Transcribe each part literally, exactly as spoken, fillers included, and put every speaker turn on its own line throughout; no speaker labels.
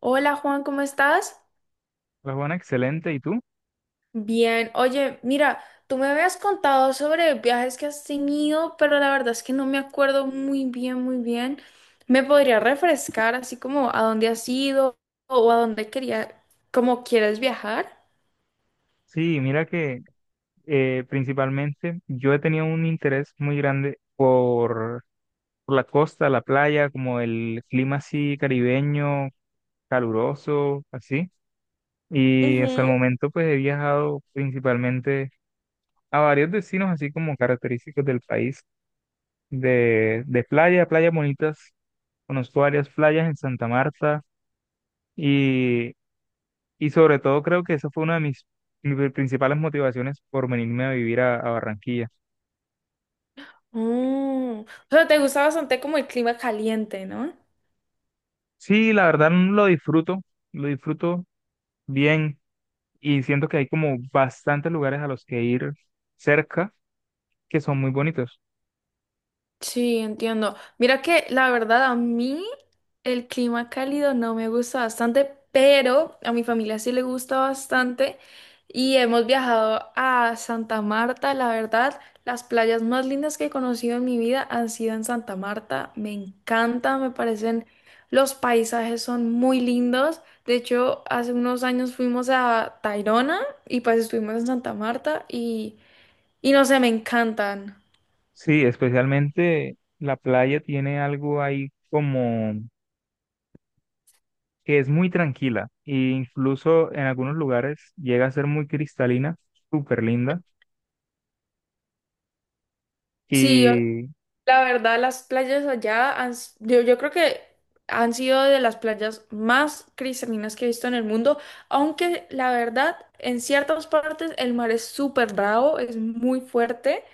Hola Juan, ¿cómo estás?
Pues bueno, excelente. ¿Y tú?
Bien, oye, mira, tú me habías contado sobre viajes que has tenido, pero la verdad es que no me acuerdo muy bien, muy bien. ¿Me podría refrescar así como a dónde has ido o a dónde quería, como quieres viajar?
Sí, mira que eh, principalmente yo he tenido un interés muy grande por, por la costa, la playa, como el clima así caribeño, caluroso, así. Y hasta el
Ujú.
momento pues he viajado principalmente a varios destinos así como característicos del país, de, de playa, playas bonitas. Conozco varias playas en Santa Marta y Y sobre todo creo que esa fue una de mis, mis pri- principales motivaciones por venirme a vivir a, a Barranquilla.
Mm, o sea, te gusta bastante como el clima caliente, ¿no?
Sí, la verdad mm, lo disfruto, lo disfruto bien y siento que hay como bastantes lugares a los que ir cerca que son muy bonitos.
Sí, entiendo. Mira que la verdad a mí el clima cálido no me gusta bastante, pero a mi familia sí le gusta bastante y hemos viajado a Santa Marta. La verdad, las playas más lindas que he conocido en mi vida han sido en Santa Marta. Me encanta, me parecen, los paisajes son muy lindos. De hecho, hace unos años fuimos a Tayrona y pues estuvimos en Santa Marta y, y no sé, me encantan.
Sí, especialmente la playa tiene algo ahí como que es muy tranquila e incluso en algunos lugares llega a ser muy cristalina, súper linda
Sí,
y
la verdad, las playas allá han, s- yo, yo creo que han sido de las playas más cristalinas que he visto en el mundo, aunque la verdad, en ciertas partes el mar es súper bravo, es muy fuerte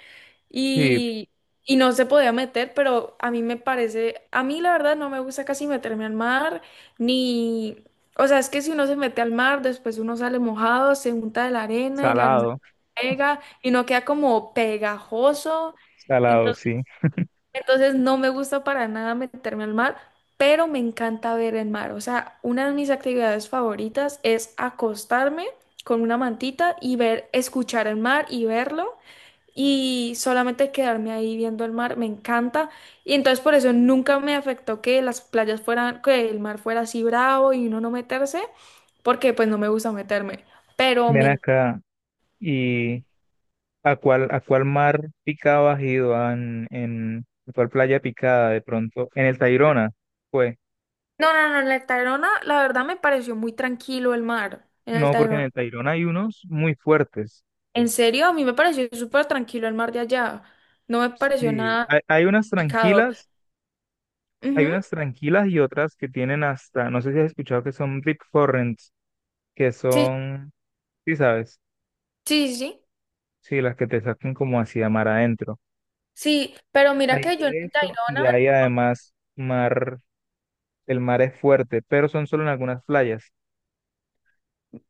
sí,
y, y no se podía meter, pero a mí me parece, a mí la verdad no me gusta casi meterme al mar, ni, o sea, es que si uno se mete al mar, después uno sale mojado, se unta de la arena y la arena
salado,
pega y no queda como pegajoso.
salado,
entonces
sí.
entonces no me gusta para nada meterme al mar, pero me encanta ver el mar. O sea, una de mis actividades favoritas es acostarme con una mantita y ver, escuchar el mar y verlo y solamente quedarme ahí viendo el mar, me encanta. Y entonces por eso nunca me afectó que las playas fueran, que el mar fuera así bravo y uno no meterse, porque pues no me gusta meterme. Pero
Ven
me...
acá. ¿Y a cuál, a cuál mar picado has ido? Ah, ¿En, en a cuál playa picada de pronto? ¿En el Tayrona? Pues,
No, no, no, en el Tayrona la verdad me pareció muy tranquilo el mar. En el
no, porque en
Tayrona.
el Tayrona hay unos muy fuertes.
En serio, a mí me pareció súper tranquilo el mar de allá. No me pareció
Sí,
nada
hay, hay unas
picado.
tranquilas, hay
Ujú,
unas tranquilas y otras que tienen hasta, no sé si has escuchado que son deep currents, que
sí,
son, sí sabes,
sí, sí. Sí,
sí, las que te sacan como hacia mar adentro.
sí, pero mira
Hay
que yo en
de
el
eso y
Tayrona,
hay además mar, el mar es fuerte, pero son solo en algunas playas.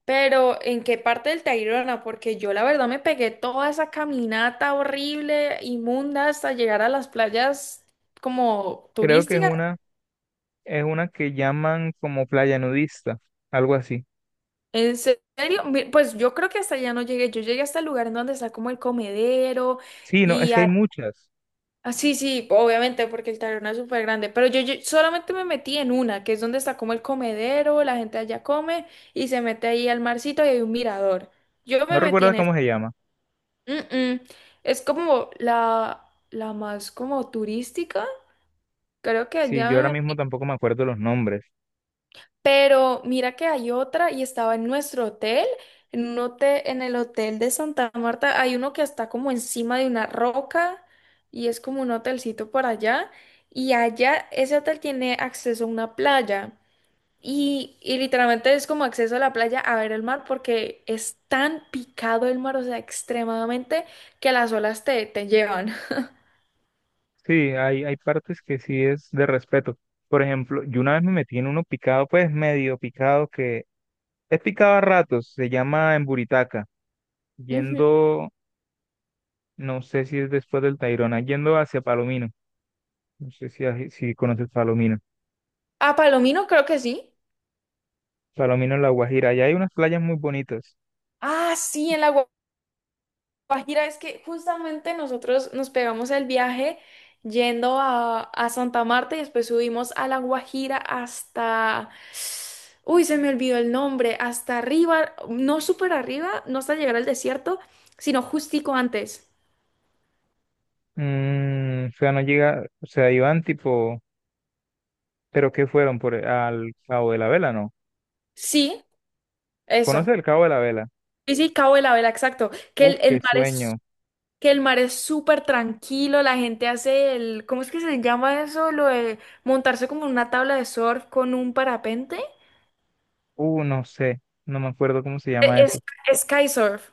pero ¿en qué parte del Tayrona? Porque yo la verdad me pegué toda esa caminata horrible, inmunda, hasta llegar a las playas como
Creo que es
turísticas.
una Es una que llaman como playa nudista, algo así.
¿En serio? Mi- Pues yo creo que hasta allá no llegué. Yo llegué hasta el lugar en donde está como el comedero
Sí, no, es
y
que hay muchas.
ah, sí, sí, obviamente, porque el taberna es súper grande, pero yo, yo solamente me metí en una, que es donde está como el comedero, la gente allá come y se mete ahí al marcito y hay un mirador. Yo me
No
metí
recuerdas
en esa.
cómo se llama.
Mm, mm. Es como la, la más como turística, creo que
Sí,
allá
yo ahora
me...
mismo tampoco me acuerdo los nombres.
Pero mira que hay otra y estaba en nuestro hotel, en un hotel, en el hotel de Santa Marta, hay uno que está como encima de una roca y es como un hotelcito por allá y allá ese hotel tiene acceso a una playa y, y literalmente es como acceso a la playa a ver el mar porque es tan picado el mar, o sea, extremadamente que las olas te, te llevan.
Sí, hay, hay partes que sí es de respeto. Por ejemplo, yo una vez me metí en uno picado, pues medio picado, que es picado a ratos, se llama Emburitaca,
Ujú.
yendo, no sé si es después del Tayrona, yendo hacia Palomino. No sé si, si conoces Palomino.
A Palomino creo que sí.
Palomino en La Guajira, allá hay unas playas muy bonitas.
Ah, sí, en la Guajira, es que justamente nosotros nos pegamos el viaje yendo a, a Santa Marta y después subimos a La Guajira hasta... Uy, se me olvidó el nombre, hasta arriba, no súper arriba, no hasta llegar al desierto, sino justico antes.
Mm, o sea, no llega, o sea, iban tipo, pero ¿qué fueron por e, al Cabo de la Vela, no?
Sí,
¿Conoce
eso.
el Cabo de la Vela?
Sí, sí, Cabo de la Vela, exacto. Que
Uf,
el, el
qué
mar es,
sueño.
que el mar es súper tranquilo, la gente hace el, ¿cómo es que se llama eso? Lo de montarse como en una tabla de surf con un parapente.
Uh, no sé, no me acuerdo cómo se
E,
llama
Es,
eso.
es sky surf.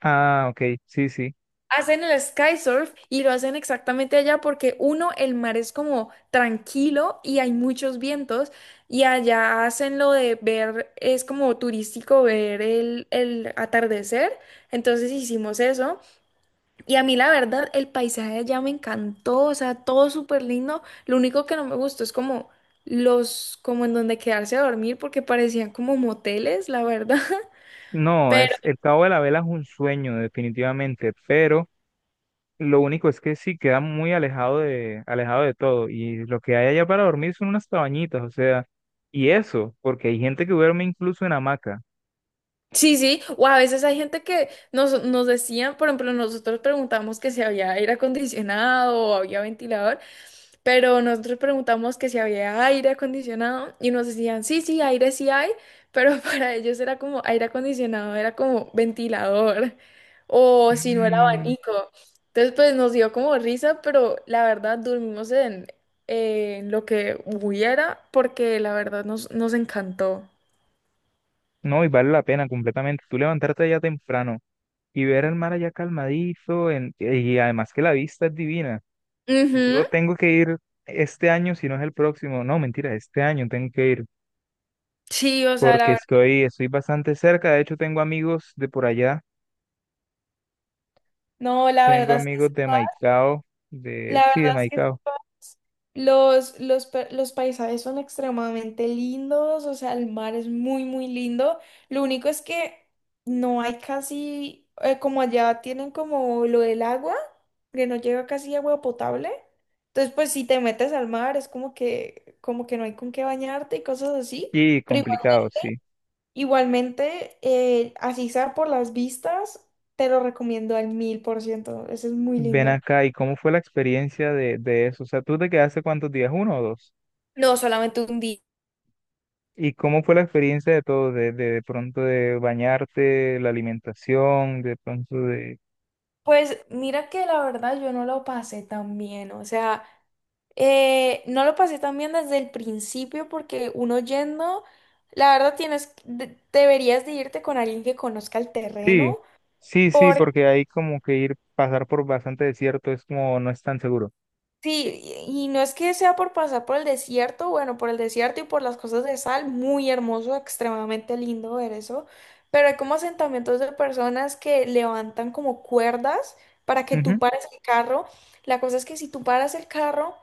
Ah, ok, sí, sí.
Hacen el sky surf y lo hacen exactamente allá porque uno, el mar es como tranquilo y hay muchos vientos y allá hacen lo de ver, es como turístico ver el, el atardecer. Entonces hicimos eso y a mí la verdad el paisaje de allá me encantó, o sea, todo súper lindo. Lo único que no me gustó es como los, como en donde quedarse a dormir porque parecían como moteles, la verdad.
No, es el Cabo de la Vela es un sueño definitivamente, pero lo único es que sí queda muy alejado de alejado de todo y lo que hay allá para dormir son unas cabañitas, o sea, y eso, porque hay gente que duerme incluso en hamaca.
Sí, sí, o a veces hay gente que nos, nos decían, por ejemplo, nosotros preguntamos que si había aire acondicionado o había ventilador, pero nosotros preguntamos que si había aire acondicionado y nos decían, sí, sí, aire sí hay, pero para ellos era como aire acondicionado, era como ventilador o si no era
Mm.
abanico. Entonces, pues nos dio como risa, pero la verdad dormimos en, en lo que hubiera porque la verdad nos, nos encantó.
No, y vale la pena completamente. Tú levantarte allá temprano y ver el mar allá calmadizo, en- y además que la vista es divina.
Ujú.
Yo tengo que ir este año, si no es el próximo. No, mentira, este año tengo que ir
Sí, o sea, la
porque
verdad.
estoy, estoy bastante cerca. De hecho, tengo amigos de por allá.
No, la
Tengo
verdad, es-
amigos de Maicao, de,
la
sí, de
verdad es que
Maicao.
los, los, pa- los paisajes son extremadamente lindos, o sea, el mar es muy, muy lindo. Lo único es que no hay casi, eh, como allá tienen como lo del agua, que no llega casi agua potable. Entonces, pues si te metes al mar, es como que, como que no hay con qué bañarte y cosas así.
Y
Pero igual-
complicado, sí.
Igualmente, eh, así sea por las vistas, te lo recomiendo al mil por ciento. Eso es muy
Ven
lindo.
acá, ¿y cómo fue la experiencia de, de eso? O sea, ¿tú te quedaste cuántos días? ¿Uno o dos?
No, solamente un día.
¿Y cómo fue la experiencia de todo? De, de, de pronto de bañarte, la alimentación, de pronto de...
Pues mira que la verdad yo no lo pasé tan bien, o sea, eh, no lo pasé tan bien desde el principio porque uno yendo, la verdad tienes, de- deberías de irte con alguien que conozca el
Sí,
terreno,
sí, sí,
por
porque ahí como que ir, pasar por bastante desierto es como no es tan seguro.
sí, y y no es que sea por pasar por el desierto, bueno, por el desierto y por las cosas de sal, muy hermoso, extremadamente lindo ver eso, pero hay como asentamientos de personas que levantan como cuerdas para que tú
Ujú.
pares el carro, la cosa es que si tú paras el carro,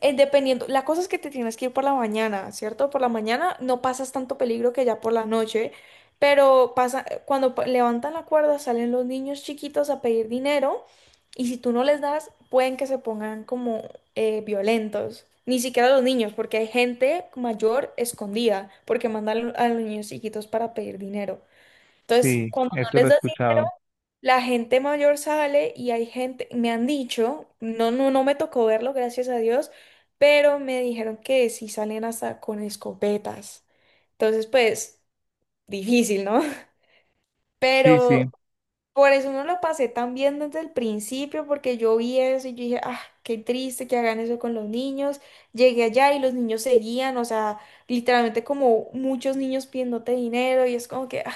eh, dependiendo, la cosa es que te tienes que ir por la mañana, ¿cierto? Por la mañana no pasas tanto peligro que ya por la noche, pero pasa, eh, cuando pa- levantan la cuerda salen los niños chiquitos a pedir dinero y si tú no les das, pueden que se pongan como eh, violentos. Ni siquiera los niños, porque hay gente mayor escondida, porque mandan a los niños chiquitos para pedir dinero. Entonces,
Sí,
cuando no
eso lo
les
he
das dinero,
escuchado.
la gente mayor sale y hay gente, me han dicho, no, no, no me tocó verlo, gracias a Dios, pero me dijeron que sí salen hasta con escopetas. Entonces, pues, difícil, ¿no?
Sí,
Pero
sí,
por eso no lo pasé tan bien desde el principio, porque yo vi eso y yo dije, ah, qué triste que hagan eso con los niños. Llegué allá y los niños seguían, o sea, literalmente como muchos niños pidiéndote dinero y es como que, ah,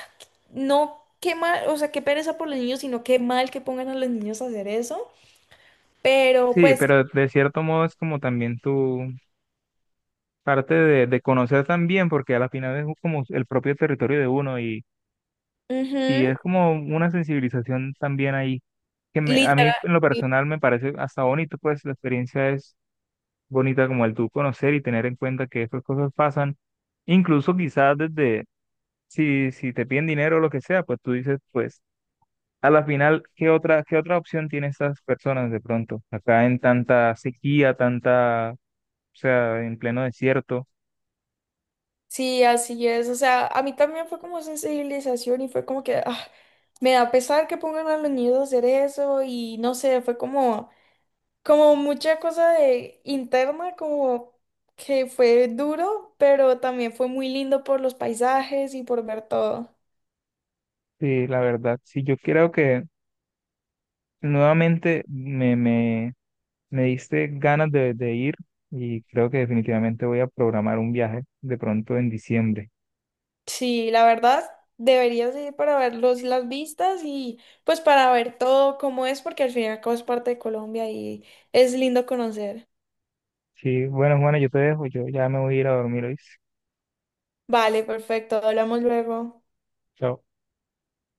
no, qué mal, o sea, qué pereza por los niños, sino qué mal que pongan a los niños a hacer eso. Pero
sí,
pues,
pero de cierto modo es como también tu parte de, de conocer también, porque a la final es como el propio territorio de uno y, y
ujú,
es como una sensibilización también ahí, que me- a mí
literal,
en lo
sí,
personal me parece hasta bonito, pues la experiencia es bonita como el tú conocer y tener en cuenta que estas cosas pasan, incluso quizás desde, si, si te piden dinero o lo que sea, pues tú dices, pues a la final, ¿qué otra, qué otra opción tienen estas personas de pronto? Acá en tanta sequía, tanta, o sea, en pleno desierto.
sí, así es. O sea, a mí también fue como sensibilización y fue como que, ah, me da pesar que pongan a los niños a hacer eso y no sé, fue como... como mucha cosa de interna, como que fue duro, pero también fue muy lindo por los paisajes y por ver todo.
Sí, la verdad, sí, yo creo que nuevamente me, me, me diste ganas de, de ir y creo que definitivamente voy a programar un viaje de pronto en diciembre.
Sí, la verdad, deberías ir para ver los, las vistas y pues para ver todo cómo es, porque al fin y al cabo es parte de Colombia y es lindo conocer.
Sí, bueno, Juana, yo te dejo, yo ya me voy a ir a dormir hoy.
Vale, perfecto, hablamos luego.
Chao.